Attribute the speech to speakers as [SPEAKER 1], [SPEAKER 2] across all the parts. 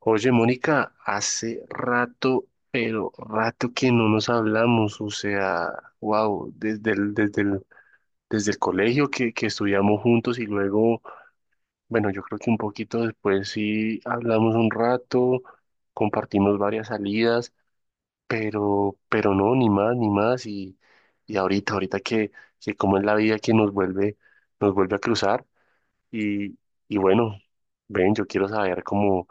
[SPEAKER 1] Oye, Mónica, hace rato, pero rato que no nos hablamos, o sea, wow, desde el colegio que estudiamos juntos y luego, bueno, yo creo que un poquito después sí hablamos un rato, compartimos varias salidas, pero no, ni más, y ahorita, ahorita que como es la vida que nos vuelve a cruzar, y, y bueno, ven, yo quiero saber cómo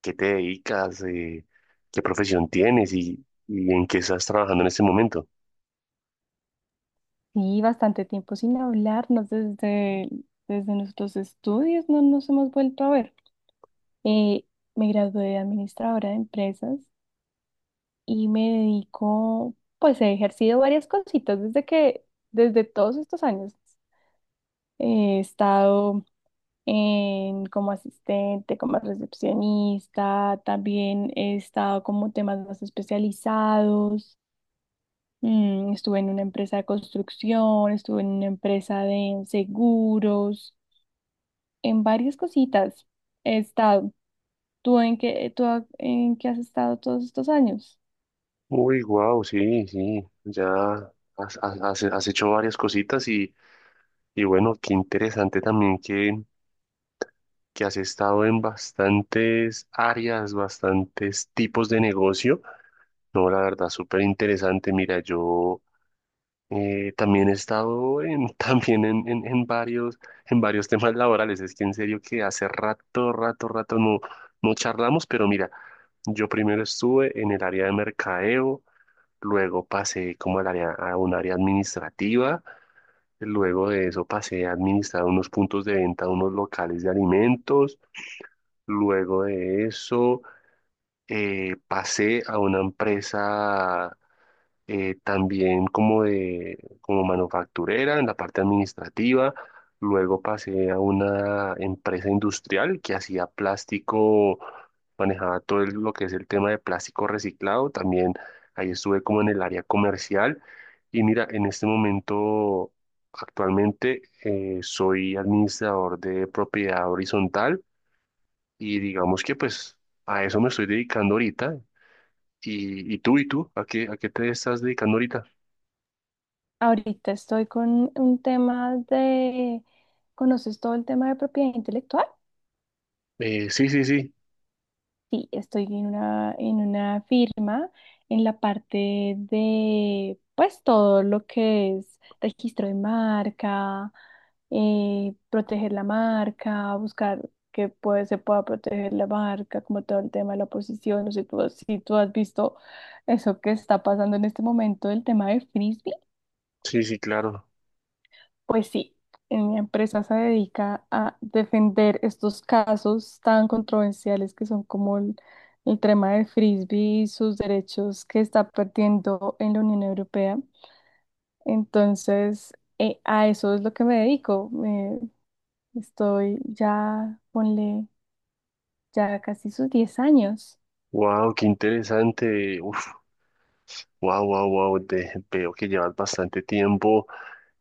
[SPEAKER 1] qué te dedicas, qué profesión tienes y en qué estás trabajando en este momento.
[SPEAKER 2] Sí, bastante tiempo sin hablarnos desde nuestros estudios, no nos hemos vuelto a ver. Eh, Me gradué de administradora de empresas y me dedico, pues he ejercido varias cositas desde todos estos años. He estado como asistente, como recepcionista, también he estado como temas más especializados. Estuve en una empresa de construcción, estuve en una empresa de seguros. En varias cositas he estado. En qué has estado todos estos años?
[SPEAKER 1] Uy, wow, sí, sí, ya has hecho varias cositas y bueno, qué interesante también que has estado en bastantes áreas, bastantes tipos de negocio. No, la verdad, súper interesante. Mira, yo también he estado también en, en varios, en varios temas laborales. Es que en serio que hace rato no, no charlamos, pero mira, yo primero estuve en el área de mercadeo, luego pasé como al área, a un área administrativa, luego de eso pasé a administrar unos puntos de venta, unos locales de alimentos, luego de eso pasé a una empresa también como de como manufacturera en la parte administrativa. Luego pasé a una empresa industrial que hacía plástico, manejaba lo que es el tema de plástico reciclado. También ahí estuve como en el área comercial. Y mira, en este momento, actualmente, soy administrador de propiedad horizontal y digamos que pues a eso me estoy dedicando ahorita. ¿Y tú? ¿A qué te estás dedicando ahorita?
[SPEAKER 2] Ahorita estoy con un tema de... ¿Conoces todo el tema de propiedad intelectual?
[SPEAKER 1] Sí, sí, sí,
[SPEAKER 2] Sí, estoy en en una firma en la parte de, pues, todo lo que es registro de marca, proteger la marca, se pueda proteger la marca, como todo el tema de la posición. Si tú has visto eso que está pasando en este momento, el tema de frisbee.
[SPEAKER 1] sí, sí, claro.
[SPEAKER 2] Pues sí, en mi empresa se dedica a defender estos casos tan controversiales que son el tema del frisbee y sus derechos que está perdiendo en la Unión Europea. Entonces, a eso es lo que me dedico. Estoy ya, ponle, ya casi sus 10 años.
[SPEAKER 1] Wow, qué interesante. Uf, wow, wow, wow. Veo que llevas bastante tiempo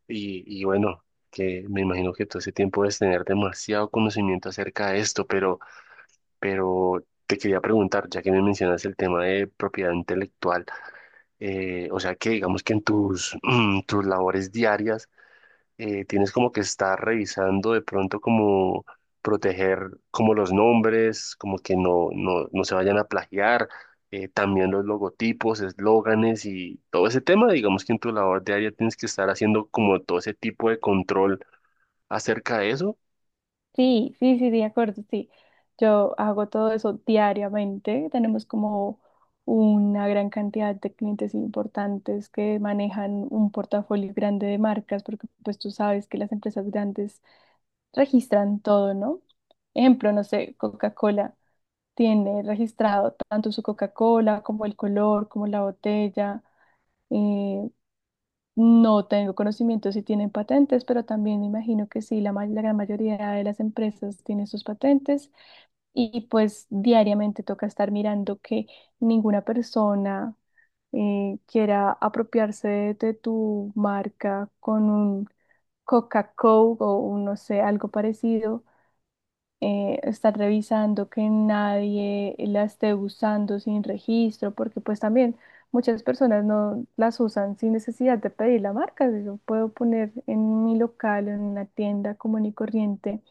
[SPEAKER 1] y bueno, que me imagino que todo ese tiempo debes tener demasiado conocimiento acerca de esto, pero te quería preguntar, ya que me mencionas el tema de propiedad intelectual, o sea que digamos que en tus, tus labores diarias tienes como que estar revisando de pronto como proteger como los nombres, como que no se vayan a plagiar, también los logotipos, eslóganes y todo ese tema, digamos que en tu labor diaria tienes que estar haciendo como todo ese tipo de control acerca de eso.
[SPEAKER 2] Sí, sí, sí, de acuerdo, sí. Yo hago todo eso diariamente. Tenemos como una gran cantidad de clientes importantes que manejan un portafolio grande de marcas, porque pues tú sabes que las empresas grandes registran todo, ¿no? Ejemplo, no sé, Coca-Cola tiene registrado tanto su Coca-Cola como el color, como la botella. Eh, no tengo conocimiento si tienen patentes, pero también me imagino que sí, la gran mayoría de las empresas tiene sus patentes y pues diariamente toca estar mirando que ninguna persona quiera apropiarse de tu marca con un Coca-Cola o un, no sé, algo parecido. Estar revisando que nadie la esté usando sin registro, porque pues también muchas personas no las usan sin necesidad de pedir la marca. Yo puedo poner en mi local, en una tienda común y corriente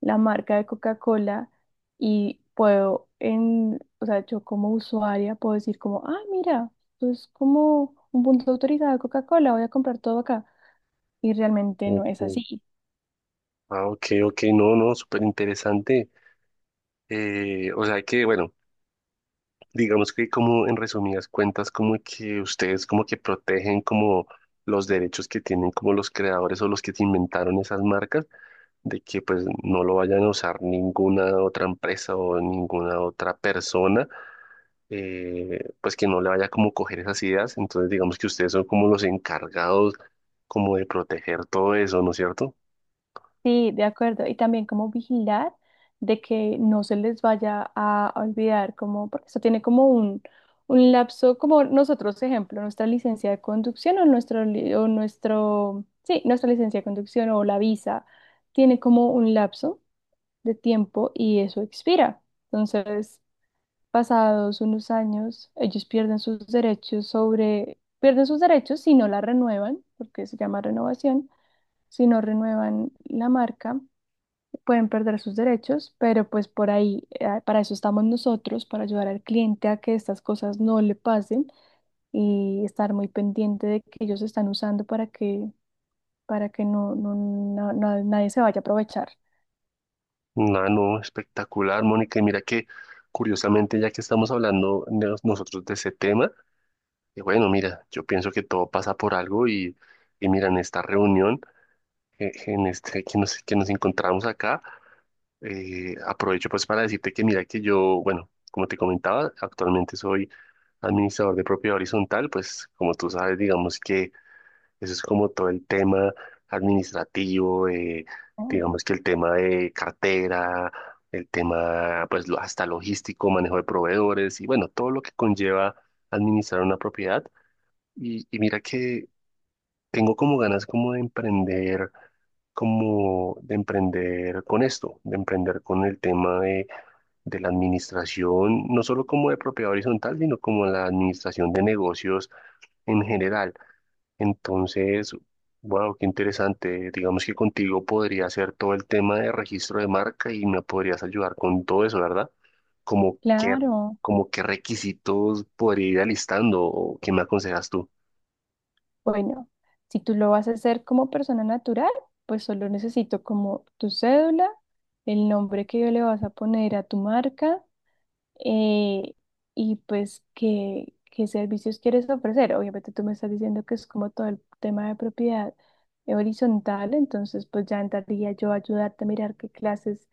[SPEAKER 2] la marca de Coca-Cola y puedo, o sea, yo como usuaria puedo decir como, ah, mira, esto es como un punto de autorizado de Coca-Cola, voy a comprar todo acá. Y realmente no es
[SPEAKER 1] Ok.
[SPEAKER 2] así.
[SPEAKER 1] Ah, ok, ok, no, no, súper interesante. O sea que, bueno. Digamos que como en resumidas cuentas, como que ustedes como que protegen como los derechos que tienen como los creadores o los que inventaron esas marcas, de que pues no lo vayan a usar ninguna otra empresa o ninguna otra persona, pues que no le vaya como coger esas ideas. Entonces digamos que ustedes son como los encargados como de proteger todo eso, ¿no es cierto?
[SPEAKER 2] Sí, de acuerdo. Y también como vigilar de que no se les vaya a olvidar, como, porque esto tiene un lapso, como nosotros, ejemplo, nuestra licencia de conducción o nuestra licencia de conducción o la visa tiene como un lapso de tiempo y eso expira. Entonces, pasados unos años, ellos pierden sus derechos sobre, pierden sus derechos si no la renuevan, porque se llama renovación, si no renuevan la marca, pueden perder sus derechos, pero pues por ahí, para eso estamos nosotros, para ayudar al cliente a que estas cosas no le pasen y estar muy pendiente de que ellos están usando para que nadie se vaya a aprovechar.
[SPEAKER 1] No, no, espectacular, Mónica. Y mira que curiosamente ya que estamos hablando nosotros de ese tema, y bueno, mira, yo pienso que todo pasa por algo y mira, en esta reunión en este, que nos encontramos acá, aprovecho pues para decirte que mira que yo, bueno, como te comentaba, actualmente soy administrador de propiedad horizontal, pues como tú sabes, digamos que eso es como todo el tema administrativo,
[SPEAKER 2] ¿No?
[SPEAKER 1] digamos que el tema de cartera, el tema pues hasta logístico, manejo de proveedores y bueno, todo lo que conlleva administrar una propiedad. Y mira que tengo como ganas como de emprender con esto, de emprender con el tema de la administración, no solo como de propiedad horizontal, sino como la administración de negocios en general. Entonces, wow, qué interesante. Digamos que contigo podría hacer todo el tema de registro de marca y me podrías ayudar con todo eso, ¿verdad? Como qué,
[SPEAKER 2] Claro.
[SPEAKER 1] como qué requisitos podría ir alistando o qué me aconsejas tú.
[SPEAKER 2] Bueno, si tú lo vas a hacer como persona natural, pues solo necesito como tu cédula, el nombre que le vas a poner a tu marca, eh, y pues qué servicios quieres ofrecer. Obviamente tú me estás diciendo que es como todo el tema de propiedad horizontal, entonces pues ya entraría yo a ayudarte a mirar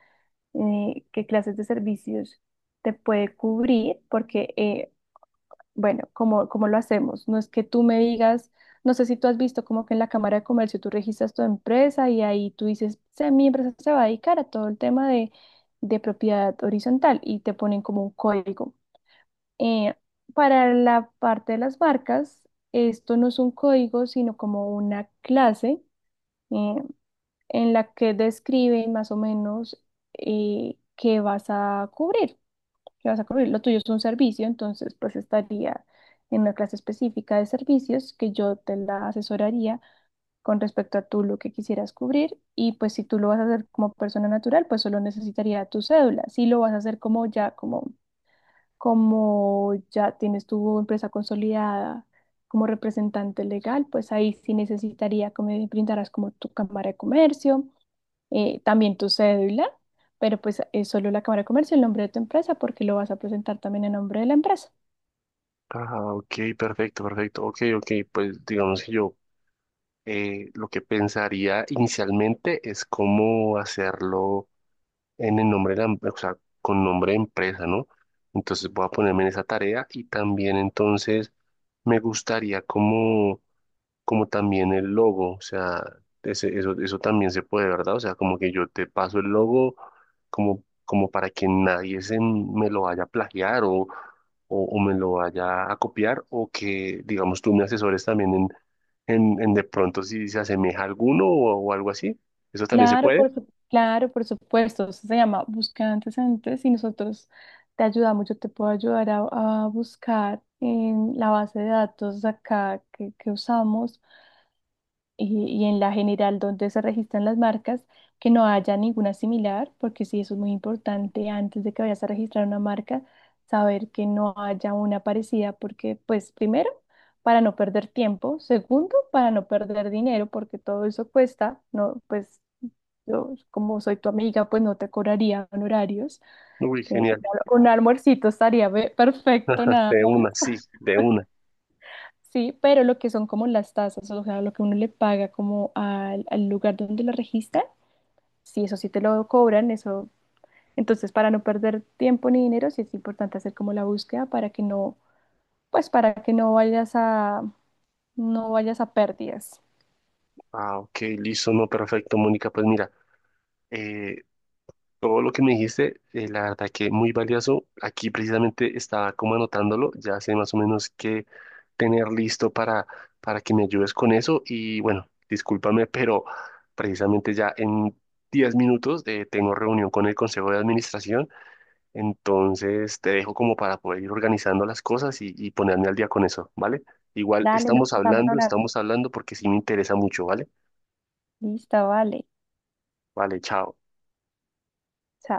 [SPEAKER 2] qué clases de servicios te puede cubrir, porque bueno, cómo lo hacemos? No es que tú me digas, no sé si tú has visto como que en la Cámara de Comercio tú registras tu empresa y ahí tú dices, Mi empresa se va a dedicar a todo el tema de propiedad horizontal" y te ponen como un código. Eh, para la parte de las marcas, esto no es un código, sino como una clase, eh, en la que describen más o menos, qué vas a cubrir que vas a cubrir. Lo tuyo es un servicio, entonces pues estaría en una clase específica de servicios que yo te la asesoraría con respecto a tú lo que quisieras cubrir y pues si tú lo vas a hacer como persona natural, pues solo necesitaría tu cédula. Si lo vas a hacer como ya, como ya tienes tu empresa consolidada como representante legal, pues ahí sí necesitaría que me brindaras como tu cámara de comercio, también tu cédula, pero pues es solo la cámara de comercio, el nombre de tu empresa, porque lo vas a presentar también en nombre de la empresa.
[SPEAKER 1] Ah, ok, perfecto, perfecto. Ok, ok, pues digamos que yo lo que pensaría inicialmente es cómo hacerlo en el nombre de la, o sea, con nombre de empresa, ¿no? Entonces voy a ponerme en esa tarea y también entonces me gustaría como como también el logo, o sea, eso, eso también se puede, ¿verdad? O sea, como que yo te paso el logo como, como para que nadie se me lo vaya a plagiar o, o me lo vaya a copiar o que, digamos, tú me asesores también en, en de pronto si se asemeja a alguno o algo así. Eso también se
[SPEAKER 2] Claro,
[SPEAKER 1] puede.
[SPEAKER 2] claro, por supuesto, eso se llama buscar antecedentes y nosotros te ayudamos, yo te puedo ayudar a buscar en la base de datos acá que usamos y en la general donde se registran las marcas, que no haya ninguna similar, porque sí, eso es muy importante antes de que vayas a registrar una marca, saber que no haya una parecida, porque pues primero, para no perder tiempo, segundo, para no perder dinero, porque todo eso cuesta, no, pues yo como soy tu amiga, pues no te cobraría honorarios,
[SPEAKER 1] Uy,
[SPEAKER 2] eh,
[SPEAKER 1] genial.
[SPEAKER 2] un almuercito estaría perfecto, nada
[SPEAKER 1] De
[SPEAKER 2] más.
[SPEAKER 1] una, sí, de una.
[SPEAKER 2] Sí, pero lo que son como las tasas, o sea, lo que uno le paga como al lugar donde lo registra, si eso sí te lo cobran, eso. Entonces, para no perder tiempo ni dinero, sí es importante hacer como la búsqueda para que no, pues para que no vayas a, no vayas a pérdidas.
[SPEAKER 1] Ah, ok, listo, no, perfecto, Mónica. Pues mira, eh, todo lo que me dijiste, la verdad que muy valioso. Aquí precisamente estaba como anotándolo, ya sé más o menos qué tener listo para que me ayudes con eso. Y bueno, discúlpame, pero precisamente ya en 10 minutos tengo reunión con el Consejo de Administración, entonces te dejo como para poder ir organizando las cosas y ponerme al día con eso, ¿vale? Igual
[SPEAKER 2] Dale, nos estamos hablando.
[SPEAKER 1] estamos hablando porque sí me interesa mucho, ¿vale?
[SPEAKER 2] Listo, vale.
[SPEAKER 1] Vale, chao.
[SPEAKER 2] Chao.